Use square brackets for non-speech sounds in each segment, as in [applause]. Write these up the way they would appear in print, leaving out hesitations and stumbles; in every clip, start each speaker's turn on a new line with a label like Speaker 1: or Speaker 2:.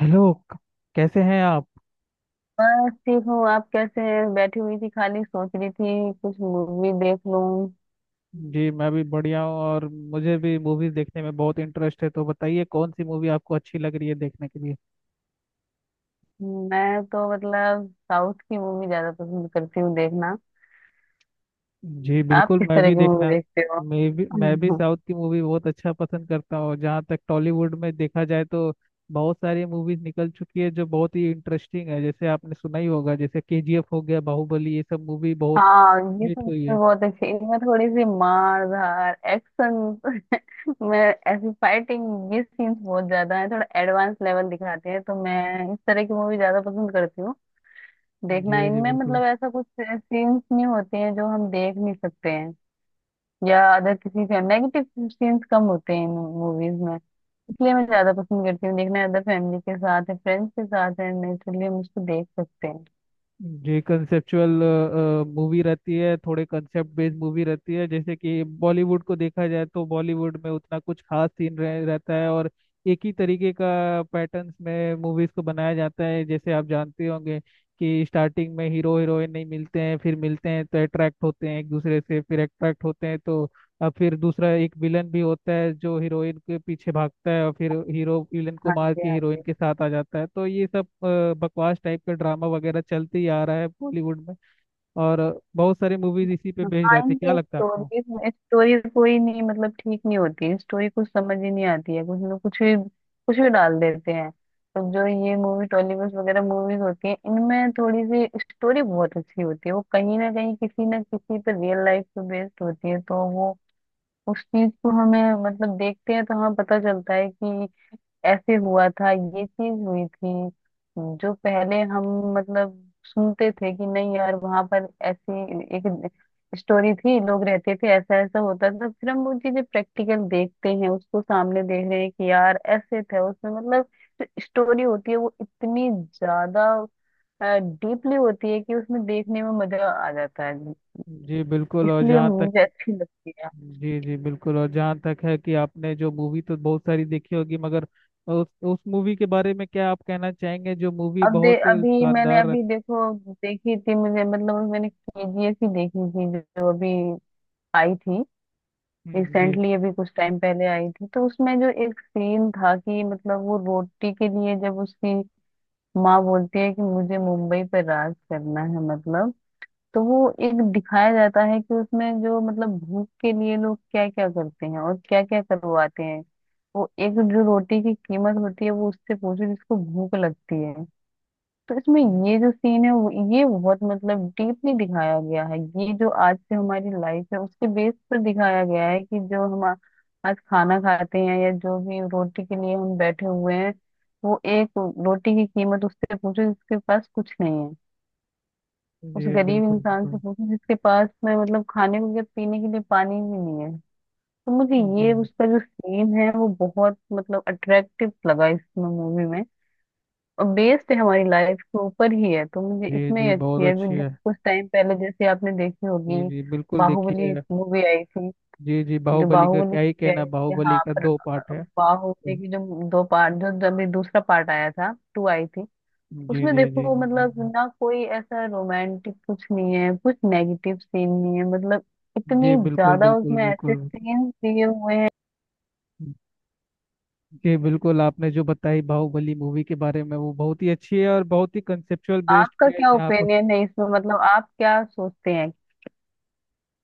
Speaker 1: Hello कैसे हैं आप।
Speaker 2: बस ठीक हूँ। आप कैसे हैं? बैठी हुई थी, खाली सोच रही थी कुछ मूवी देख लूं।
Speaker 1: जी मैं भी बढ़िया हूँ और मुझे भी मूवीज देखने में बहुत इंटरेस्ट है, तो बताइए कौन सी मूवी आपको अच्छी लग रही है देखने के लिए।
Speaker 2: मैं तो मतलब साउथ की मूवी ज्यादा पसंद करती हूँ देखना।
Speaker 1: जी
Speaker 2: आप
Speaker 1: बिल्कुल,
Speaker 2: किस
Speaker 1: मैं
Speaker 2: तरह
Speaker 1: भी
Speaker 2: की
Speaker 1: देखना
Speaker 2: मूवी देखते हो?
Speaker 1: मैं भी
Speaker 2: हम्म।
Speaker 1: साउथ की मूवी बहुत अच्छा पसंद करता हूँ। जहाँ तक टॉलीवुड में देखा जाए, तो बहुत सारी मूवीज निकल चुकी है जो बहुत ही इंटरेस्टिंग है, जैसे आपने सुना ही होगा जैसे केजीएफ हो गया, बाहुबली, ये सब मूवी बहुत
Speaker 2: हाँ, ये सब
Speaker 1: हिट हुई
Speaker 2: movie
Speaker 1: है।
Speaker 2: बहुत अच्छी, इनमें थोड़ी सी मार धार एक्शन [laughs] मैं ऐसी फाइटिंग ये सीन्स बहुत ज्यादा है। थोड़ा एडवांस लेवल दिखाते हैं, तो मैं इस तरह की मूवी ज्यादा पसंद करती हूँ
Speaker 1: जी
Speaker 2: देखना।
Speaker 1: जी
Speaker 2: इनमें
Speaker 1: बिल्कुल।
Speaker 2: मतलब ऐसा कुछ सीन्स नहीं होते हैं जो हम देख नहीं सकते हैं, या अदर किसी फैमिली नेगेटिव सीन्स कम होते हैं इन मूवीज में। इसलिए मैं ज्यादा पसंद करती हूँ देखना, अदर फैमिली के साथ है फ्रेंड्स के साथ है, नेचुरली हम उसको देख सकते हैं।
Speaker 1: जी कंसेप्चुअल मूवी रहती है, थोड़े कंसेप्ट बेस्ड मूवी रहती है। जैसे कि बॉलीवुड को देखा जाए तो बॉलीवुड में उतना कुछ खास सीन रहता है, और एक ही तरीके का पैटर्न्स में मूवीज को बनाया जाता है। जैसे आप जानते होंगे कि स्टार्टिंग में हीरो हीरोइन नहीं मिलते हैं, फिर मिलते हैं तो अट्रैक्ट होते हैं एक दूसरे से, फिर अट्रैक्ट होते हैं तो, और फिर दूसरा एक विलन भी होता है जो हीरोइन के पीछे भागता है, और फिर हीरो विलन को
Speaker 2: हाँ
Speaker 1: मार
Speaker 2: जी,
Speaker 1: के
Speaker 2: हाँ
Speaker 1: हीरोइन
Speaker 2: जी।
Speaker 1: के साथ आ जाता है। तो ये सब बकवास टाइप का ड्रामा वगैरह चलते ही आ रहा है बॉलीवुड में। और बहुत सारी मूवीज इसी पे बेस्ड
Speaker 2: हाँ,
Speaker 1: रहते हैं, क्या
Speaker 2: इनकी
Speaker 1: लगता है आपको?
Speaker 2: स्टोरीज में स्टोरी कोई नहीं, मतलब ठीक नहीं होती, स्टोरी कुछ समझ ही नहीं आती है, कुछ लोग कुछ भी डाल देते हैं। तो जो ये मूवी टॉलीवुड वगैरह मूवीज होती हैं इनमें थोड़ी सी स्टोरी बहुत अच्छी होती है, वो कहीं ना कहीं किसी ना किसी पर रियल लाइफ पे बेस्ड होती है, तो वो उस चीज को हमें मतलब देखते हैं तो हमें पता चलता है कि ऐसे हुआ था, ये चीज हुई थी। जो पहले हम मतलब सुनते थे कि नहीं यार, वहां पर ऐसी एक स्टोरी थी, लोग रहते थे, ऐसा ऐसा होता था। फिर हम वो चीजें प्रैक्टिकल देखते हैं, उसको सामने देख रहे हैं कि यार ऐसे थे, उसमें मतलब जो स्टोरी होती है वो इतनी ज्यादा डीपली होती है कि उसमें देखने में मजा आ जाता है,
Speaker 1: जी बिल्कुल। और
Speaker 2: इसलिए
Speaker 1: जहाँ तक
Speaker 2: मुझे अच्छी लगती है।
Speaker 1: जी जी बिल्कुल, और जहाँ तक है कि आपने जो मूवी तो बहुत सारी देखी होगी, मगर उस मूवी के बारे में क्या आप कहना चाहेंगे जो मूवी
Speaker 2: अब दे
Speaker 1: बहुत
Speaker 2: अभी मैंने
Speaker 1: शानदार
Speaker 2: अभी
Speaker 1: रहती।
Speaker 2: देखो देखी थी, मुझे मतलब अभी मैंने केजीएफ ही देखी थी जो जो अभी आई थी।
Speaker 1: जी।
Speaker 2: रिसेंटली अभी कुछ टाइम पहले आई थी, तो उसमें जो एक सीन था कि मतलब वो रोटी के लिए जब उसकी माँ बोलती है कि मुझे मुंबई पर राज करना है, मतलब तो वो एक दिखाया जाता है कि उसमें जो मतलब भूख के लिए लोग क्या क्या करते हैं और क्या क्या करवाते हैं। वो एक जो रोटी की कीमत होती है वो उससे पूछो जिसको भूख लगती है, सच में। ये जो सीन है ये बहुत मतलब डीपली दिखाया गया है, ये जो आज से हमारी लाइफ है उसके बेस पर दिखाया गया है कि जो हम आज खाना खाते हैं या जो भी रोटी के लिए हम बैठे हुए हैं। वो एक रोटी की कीमत उससे पूछो जिसके पास कुछ नहीं है, उस
Speaker 1: जी
Speaker 2: गरीब
Speaker 1: बिल्कुल
Speaker 2: इंसान से
Speaker 1: बिल्कुल।
Speaker 2: पूछो जिसके पास में मतलब खाने को या पीने के लिए पानी भी नहीं है। तो मुझे ये
Speaker 1: जी
Speaker 2: उसका जो सीन है वो बहुत मतलब अट्रैक्टिव लगा इस मूवी में। बेस्ड है हमारी लाइफ के ऊपर ही है, तो मुझे
Speaker 1: जी
Speaker 2: इसमें ही
Speaker 1: जी बहुत
Speaker 2: अच्छी है।
Speaker 1: अच्छी
Speaker 2: अभी
Speaker 1: है।
Speaker 2: कुछ टाइम पहले जैसे आपने देखी होगी
Speaker 1: जी जी बिल्कुल,
Speaker 2: बाहुबली
Speaker 1: देखिए।
Speaker 2: मूवी आई थी।
Speaker 1: जी जी,
Speaker 2: जो
Speaker 1: बाहुबली का
Speaker 2: बाहुबली
Speaker 1: क्या ही
Speaker 2: मूवी
Speaker 1: कहना,
Speaker 2: आई थी, हाँ
Speaker 1: बाहुबली का
Speaker 2: पर
Speaker 1: दो पार्ट है।
Speaker 2: बाहुबली
Speaker 1: जी
Speaker 2: की जो दो पार्ट, जो जो अभी दूसरा पार्ट आया था, टू आई थी।
Speaker 1: जी
Speaker 2: उसमें
Speaker 1: जी जी
Speaker 2: देखो
Speaker 1: जी
Speaker 2: मतलब
Speaker 1: जी।
Speaker 2: ना कोई ऐसा रोमांटिक कुछ नहीं है, कुछ नेगेटिव सीन नहीं है, मतलब
Speaker 1: जी,
Speaker 2: इतनी
Speaker 1: बिल्कुल
Speaker 2: ज्यादा
Speaker 1: बिल्कुल
Speaker 2: उसमें ऐसे
Speaker 1: बिल्कुल।
Speaker 2: सीन दिए हुए हैं।
Speaker 1: जी बिल्कुल, आपने जो बताई बाहुबली मूवी के बारे में, वो बहुत ही अच्छी है और बहुत ही कंसेप्चुअल बेस्ड
Speaker 2: आपका
Speaker 1: पे है
Speaker 2: क्या
Speaker 1: जहाँ पर।
Speaker 2: ओपिनियन है इसमें, मतलब आप क्या सोचते हैं?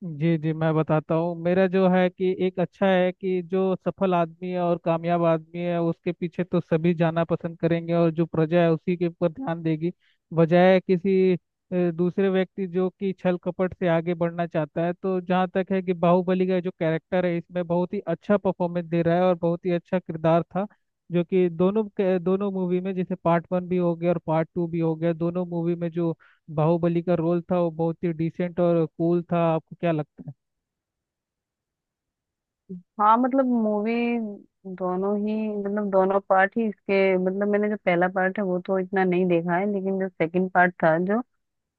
Speaker 1: जी जी मैं बताता हूँ, मेरा जो है कि एक अच्छा है कि जो सफल आदमी है और कामयाब आदमी है उसके पीछे तो सभी जाना पसंद करेंगे, और जो प्रजा है उसी के ऊपर ध्यान देगी, बजाय किसी दूसरे व्यक्ति जो कि छल कपट से आगे बढ़ना चाहता है। तो जहाँ तक है कि बाहुबली का जो कैरेक्टर है इसमें बहुत ही अच्छा परफॉर्मेंस दे रहा है, और बहुत ही अच्छा किरदार था, जो कि दोनों मूवी में, जैसे पार्ट 1 भी हो गया और पार्ट 2 भी हो गया, दोनों मूवी में जो बाहुबली का रोल था वो बहुत ही डिसेंट और कूल था। आपको क्या लगता है?
Speaker 2: हाँ मतलब मूवी दोनों ही, मतलब दोनों पार्ट ही इसके, मतलब मैंने जो पहला पार्ट है वो तो इतना नहीं देखा है, लेकिन जो सेकंड पार्ट था जो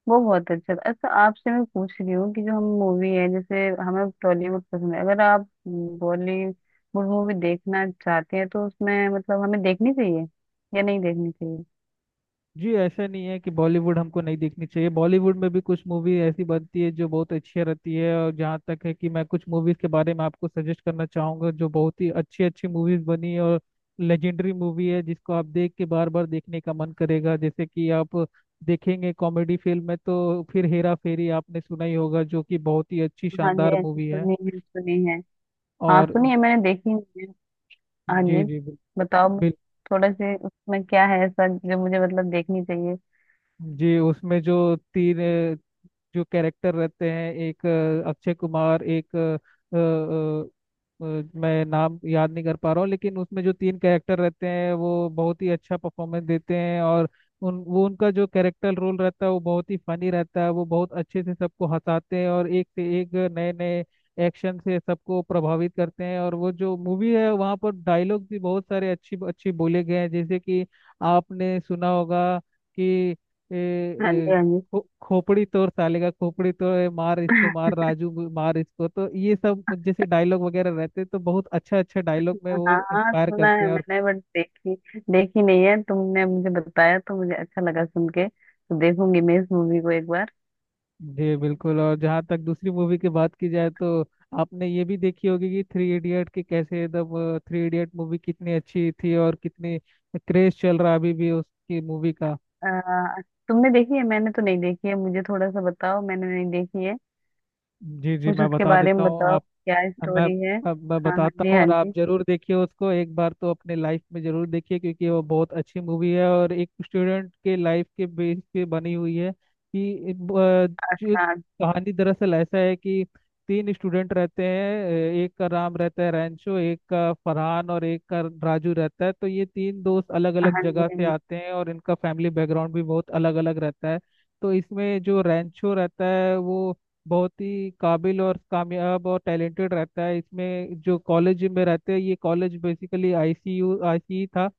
Speaker 2: वो बहुत अच्छा था। अच्छा, आपसे मैं पूछ रही हूँ कि जो हम मूवी है जैसे हमें टॉलीवुड पसंद है, अगर आप बॉलीवुड मूवी देखना चाहते हैं तो उसमें मतलब हमें देखनी चाहिए या नहीं देखनी चाहिए?
Speaker 1: जी ऐसा नहीं है कि बॉलीवुड हमको नहीं देखनी चाहिए, बॉलीवुड में भी कुछ मूवी ऐसी बनती है जो बहुत अच्छी रहती है। और जहाँ तक है कि मैं कुछ मूवीज के बारे में आपको सजेस्ट करना चाहूँगा, जो बहुत ही अच्छी अच्छी मूवीज बनी है और लेजेंडरी मूवी है, जिसको आप देख के बार बार देखने का मन करेगा। जैसे कि आप देखेंगे कॉमेडी फिल्म में, तो फिर हेरा फेरी आपने सुना ही होगा, जो कि बहुत ही अच्छी
Speaker 2: हाँ जी,
Speaker 1: शानदार
Speaker 2: हाँ जी,
Speaker 1: मूवी है।
Speaker 2: सुनी है, सुनी है। हाँ
Speaker 1: और
Speaker 2: सुनी है, मैंने देखी नहीं है। हाँ
Speaker 1: जी
Speaker 2: जी,
Speaker 1: जी
Speaker 2: बताओ।
Speaker 1: बिल्कुल।
Speaker 2: थोड़ा से उसमें क्या है ऐसा जो मुझे मतलब देखनी चाहिए?
Speaker 1: जी उसमें जो 3 जो कैरेक्टर रहते हैं, एक अक्षय कुमार, एक अ, अ, मैं नाम याद नहीं कर पा रहा हूँ, लेकिन उसमें जो 3 कैरेक्टर रहते हैं वो बहुत ही अच्छा परफॉर्मेंस देते हैं, और उन वो उनका जो कैरेक्टर रोल रहता है वो बहुत ही फनी रहता है, वो बहुत अच्छे से सबको हंसाते हैं और एक से एक नए नए एक्शन से सबको प्रभावित करते हैं। और वो जो मूवी है वहाँ पर डायलॉग भी बहुत सारे अच्छी अच्छी बोले गए हैं, जैसे कि आपने सुना होगा कि ए,
Speaker 2: हाँ जी
Speaker 1: ए,
Speaker 2: हाँ जी।
Speaker 1: खो- खोपड़ी तोड़ साले का, खोपड़ी तोड़, मार इसको, मार राजू को, मार इसको। तो ये सब जैसे डायलॉग वगैरह रहते हैं, तो बहुत अच्छा अच्छा डायलॉग में
Speaker 2: हाँ
Speaker 1: वो
Speaker 2: हाँ,
Speaker 1: इंस्पायर
Speaker 2: सुना
Speaker 1: करते
Speaker 2: है
Speaker 1: हैं। और
Speaker 2: मैंने, बट देखी, देखी नहीं है। तुमने मुझे बताया तो मुझे अच्छा लगा, सुन के तो देखूंगी मैं इस मूवी को एक बार।
Speaker 1: जी बिल्कुल। और जहाँ तक दूसरी मूवी की बात की जाए, तो आपने ये भी देखी होगी कि थ्री इडियट की, कैसे एकदम थ्री इडियट मूवी कितनी अच्छी थी, और कितनी क्रेज चल रहा है अभी भी उसकी मूवी का।
Speaker 2: आ, तुमने देखी है? मैंने तो नहीं देखी है, मुझे थोड़ा सा बताओ, मैंने नहीं देखी है।
Speaker 1: जी जी
Speaker 2: कुछ
Speaker 1: मैं
Speaker 2: उसके
Speaker 1: बता
Speaker 2: बारे
Speaker 1: देता
Speaker 2: में
Speaker 1: हूँ।
Speaker 2: बताओ,
Speaker 1: अब
Speaker 2: क्या
Speaker 1: मैं
Speaker 2: स्टोरी है?
Speaker 1: अब मैं
Speaker 2: हाँ हाँ
Speaker 1: बताता
Speaker 2: जी,
Speaker 1: हूँ,
Speaker 2: हाँ
Speaker 1: और आप
Speaker 2: जी।
Speaker 1: जरूर देखिए उसको एक बार, तो अपने लाइफ में जरूर देखिए क्योंकि वो बहुत अच्छी मूवी है, और एक स्टूडेंट के लाइफ के बेस पे बनी हुई है। कि जो
Speaker 2: हाँ,
Speaker 1: कहानी दरअसल ऐसा है कि 3 स्टूडेंट रहते हैं, एक का नाम रहता है रैंचो, एक का फरहान, और एक का राजू रहता है। तो ये 3 दोस्त अलग अलग
Speaker 2: हाँ जी,
Speaker 1: जगह
Speaker 2: हाँ
Speaker 1: से
Speaker 2: जी,
Speaker 1: आते हैं, और इनका फैमिली बैकग्राउंड भी बहुत अलग अलग रहता है। तो इसमें जो रैंचो रहता है वो बहुत ही काबिल और कामयाब और टैलेंटेड रहता है। इसमें जो कॉलेज में रहते हैं, ये कॉलेज बेसिकली आईसीयू आईसीई था,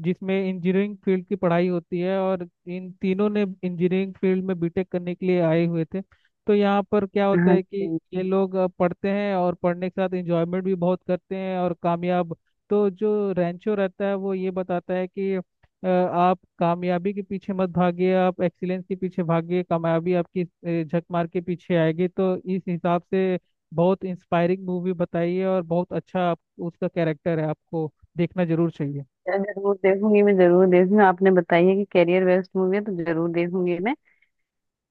Speaker 1: जिसमें इंजीनियरिंग फील्ड की पढ़ाई होती है, और इन तीनों ने इंजीनियरिंग फील्ड में बीटेक करने के लिए आए हुए थे। तो यहाँ पर क्या होता
Speaker 2: हाँ
Speaker 1: है कि
Speaker 2: जी, हाँ जी।
Speaker 1: ये लोग पढ़ते हैं, और पढ़ने के साथ इंजॉयमेंट भी बहुत करते हैं, और कामयाब। तो जो रैंचो रहता है वो ये बताता है कि आप कामयाबी के पीछे मत भागिए, आप एक्सीलेंस के पीछे भागिए, कामयाबी आपकी झक मार के पीछे आएगी। तो इस हिसाब से बहुत इंस्पायरिंग मूवी बताई है, और बहुत अच्छा उसका कैरेक्टर है, आपको देखना जरूर चाहिए।
Speaker 2: जरूर देखूंगी, मैं जरूर देखूंगी, आपने बताई है कि कैरियर वेस्ट मूवी है तो जरूर देखूंगी मैं।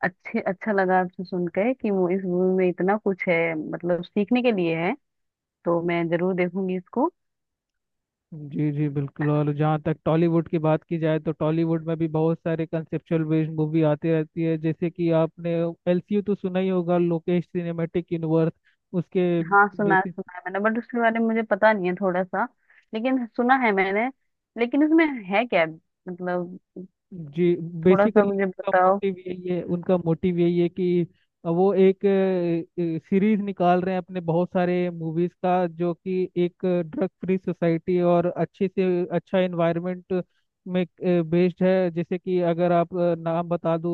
Speaker 2: अच्छे, अच्छा लगा आपसे सुन के कि इस मूवी में इतना कुछ है, मतलब सीखने के लिए है, तो मैं जरूर देखूंगी इसको।
Speaker 1: जी जी बिल्कुल। और जहाँ तक टॉलीवुड की बात की जाए, तो टॉलीवुड में भी बहुत सारे कंसेप्चुअल बेस्ड मूवी आती रहती है। जैसे कि आपने एलसीयू तो सुना ही होगा, लोकेश सिनेमेटिक यूनिवर्स, उसके
Speaker 2: हाँ,
Speaker 1: बेसिस।
Speaker 2: सुना है मैंने, बट उसके बारे में मुझे पता नहीं है थोड़ा सा, लेकिन सुना है मैंने, लेकिन इसमें है क्या, मतलब
Speaker 1: जी
Speaker 2: थोड़ा सा
Speaker 1: बेसिकली
Speaker 2: मुझे बताओ?
Speaker 1: उनका मोटिव यही है कि वो एक सीरीज निकाल रहे हैं अपने बहुत सारे मूवीज का, जो कि एक ड्रग फ्री सोसाइटी और अच्छे से अच्छा एनवायरनमेंट में बेस्ड है। जैसे कि अगर आप नाम बता दूं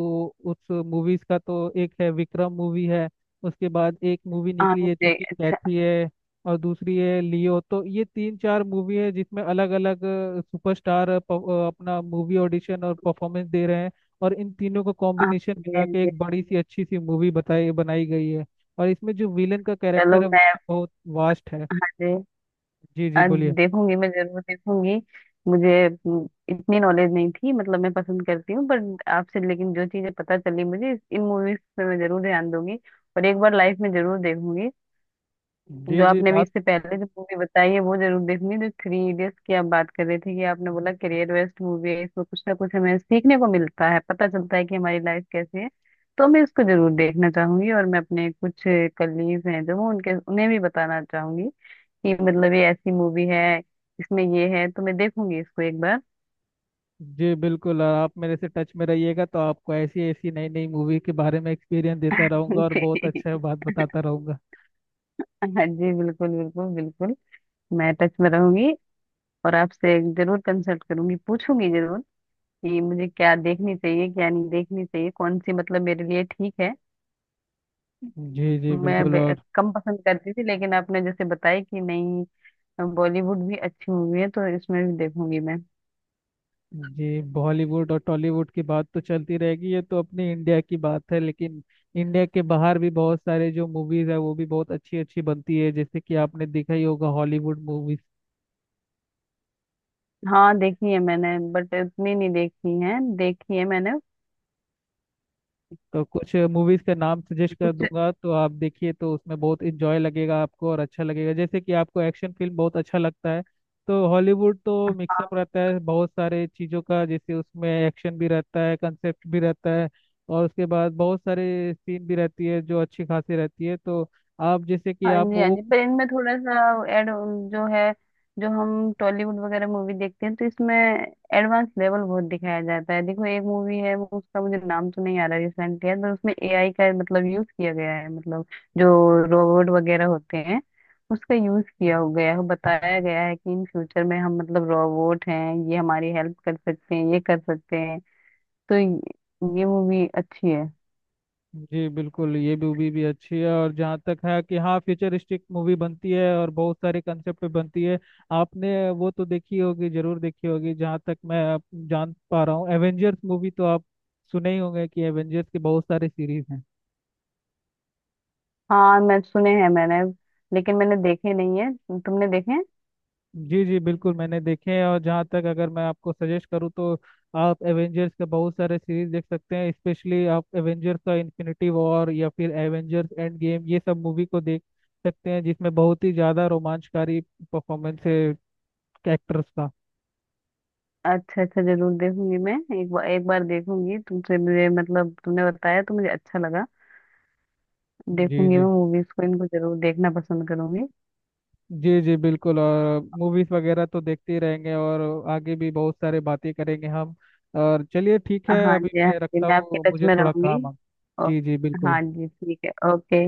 Speaker 1: उस मूवीज का, तो एक है विक्रम मूवी है, उसके बाद एक मूवी
Speaker 2: हाँ
Speaker 1: निकली है जो
Speaker 2: जी,
Speaker 1: कि
Speaker 2: अच्छा,
Speaker 1: कैथी है, और दूसरी है लियो। तो ये 3 4 मूवी है जिसमें अलग अलग सुपरस्टार अपना मूवी ऑडिशन और परफॉर्मेंस दे रहे हैं, और इन तीनों को
Speaker 2: हाँ
Speaker 1: कॉम्बिनेशन
Speaker 2: जी,
Speaker 1: मिला
Speaker 2: हाँ
Speaker 1: के
Speaker 2: जी।
Speaker 1: एक बड़ी सी अच्छी सी मूवी बताई बनाई गई है, और इसमें जो विलन का
Speaker 2: चलो
Speaker 1: कैरेक्टर है वो
Speaker 2: मैं,
Speaker 1: भी बहुत वास्ट है।
Speaker 2: मुझे
Speaker 1: जी जी
Speaker 2: आज
Speaker 1: बोलिए।
Speaker 2: देखूंगी, मैं जरूर देखूंगी। मुझे इतनी नॉलेज नहीं थी, मतलब मैं पसंद करती हूँ, बट आपसे लेकिन जो चीजें पता चली मुझे इन मूवीज पे मैं जरूर ध्यान दूंगी, और एक बार लाइफ में जरूर देखूंगी। जो
Speaker 1: जी जी
Speaker 2: आपने अभी
Speaker 1: बात।
Speaker 2: इससे पहले जो मूवी बताई है वो जरूर देखनी है, जो थ्री इडियट्स की आप बात कर रहे थे कि आपने बोला करियर वेस्ट मूवी है, इसमें कुछ ना कुछ हमें सीखने को मिलता है, पता चलता है कि हमारी लाइफ कैसी है। तो मैं इसको जरूर देखना चाहूंगी, और मैं अपने कुछ कलीग्स हैं जो वो उनके उन्हें भी बताना चाहूंगी कि मतलब ये ऐसी मूवी है, इसमें ये है, तो मैं देखूंगी इसको एक बार।
Speaker 1: जी बिल्कुल, और आप मेरे से टच में रहिएगा तो आपको ऐसी ऐसी नई नई मूवी के बारे में एक्सपीरियंस देता
Speaker 2: [laughs]
Speaker 1: रहूंगा, और बहुत
Speaker 2: जी।
Speaker 1: अच्छा बात बताता रहूंगा।
Speaker 2: हाँ जी, बिल्कुल बिल्कुल बिल्कुल, मैं टच में रहूंगी, और आपसे जरूर कंसल्ट करूंगी, पूछूंगी जरूर, कि मुझे क्या देखनी चाहिए क्या नहीं देखनी चाहिए, कौन सी मतलब मेरे लिए ठीक है।
Speaker 1: जी जी
Speaker 2: मैं
Speaker 1: बिल्कुल। और
Speaker 2: कम पसंद करती थी, लेकिन आपने जैसे बताया कि नहीं, बॉलीवुड भी अच्छी मूवी है, तो इसमें भी देखूंगी मैं।
Speaker 1: जी बॉलीवुड और टॉलीवुड की बात तो चलती रहेगी, ये तो अपने इंडिया की बात है, लेकिन इंडिया के बाहर भी बहुत सारे जो मूवीज है वो भी बहुत अच्छी अच्छी बनती है, जैसे कि आपने देखा ही होगा हॉलीवुड मूवीज।
Speaker 2: हाँ देखी है मैंने, बट उतनी नहीं देखी है, देखी है मैंने
Speaker 1: तो कुछ मूवीज का नाम सजेस्ट कर
Speaker 2: कुछ।
Speaker 1: दूंगा, तो आप देखिए, तो उसमें बहुत इंजॉय लगेगा आपको और अच्छा लगेगा। जैसे कि आपको एक्शन फिल्म बहुत अच्छा लगता है, तो हॉलीवुड तो मिक्सअप रहता है बहुत सारे चीज़ों का, जैसे उसमें एक्शन भी रहता है, कंसेप्ट भी रहता है, और उसके बाद बहुत सारे सीन भी रहती है जो अच्छी खासी रहती है। तो आप जैसे कि
Speaker 2: हाँ
Speaker 1: आप
Speaker 2: जी हाँ
Speaker 1: वो
Speaker 2: जी, पर इनमें थोड़ा सा एड जो है, जो हम टॉलीवुड वगैरह मूवी देखते हैं तो इसमें एडवांस लेवल बहुत दिखाया जाता है। देखो एक मूवी है वो, उसका मुझे नाम तो नहीं आ रहा, रिसेंटली है, पर उसमें एआई का मतलब यूज किया गया है, मतलब जो रोबोट वगैरह होते हैं उसका यूज किया हो गया है। बताया गया है कि इन फ्यूचर में हम मतलब रोबोट हैं, ये हमारी हेल्प कर सकते हैं ये कर सकते हैं, तो ये मूवी अच्छी है।
Speaker 1: जी बिल्कुल, ये मूवी भी अच्छी है। और जहाँ तक है कि हाँ, फ्यूचरिस्टिक मूवी बनती है और बहुत सारे कंसेप्ट पे बनती है। आपने वो तो देखी होगी, जरूर देखी होगी, जहाँ तक मैं आप जान पा रहा हूँ, एवेंजर्स मूवी तो आप सुने ही होंगे कि एवेंजर्स के बहुत सारे सीरीज हैं।
Speaker 2: हाँ मैं सुने हैं मैंने, लेकिन मैंने देखे नहीं है, तुमने देखे हैं?
Speaker 1: जी जी बिल्कुल, मैंने देखे हैं। और जहाँ तक अगर मैं आपको सजेस्ट करूँ, तो आप एवेंजर्स के बहुत सारे सीरीज देख सकते हैं। स्पेशली आप एवेंजर्स का इन्फिनिटी वॉर, या फिर एवेंजर्स एंड गेम, ये सब मूवी को देख सकते हैं, जिसमें बहुत ही ज़्यादा रोमांचकारी परफॉर्मेंस है एक्टर्स का।
Speaker 2: अच्छा अच्छा, जरूर देखूंगी मैं एक बार, एक बार देखूंगी। तुमसे मुझे मतलब तुमने बताया तो मुझे अच्छा लगा,
Speaker 1: जी
Speaker 2: देखूंगी मैं
Speaker 1: जी।
Speaker 2: मूवीज को इनको जरूर देखना पसंद करूंगी।
Speaker 1: जी जी बिल्कुल, और मूवीज वगैरह तो देखते ही रहेंगे, और आगे भी बहुत सारे बातें करेंगे हम। और चलिए ठीक है,
Speaker 2: हाँ
Speaker 1: अभी
Speaker 2: जी हाँ
Speaker 1: मैं
Speaker 2: जी,
Speaker 1: रखता
Speaker 2: मैं आपके
Speaker 1: हूँ,
Speaker 2: टच
Speaker 1: मुझे
Speaker 2: में
Speaker 1: थोड़ा
Speaker 2: रहूंगी
Speaker 1: काम है।
Speaker 2: और।
Speaker 1: जी जी बिल्कुल।
Speaker 2: हाँ जी ठीक है, ओके।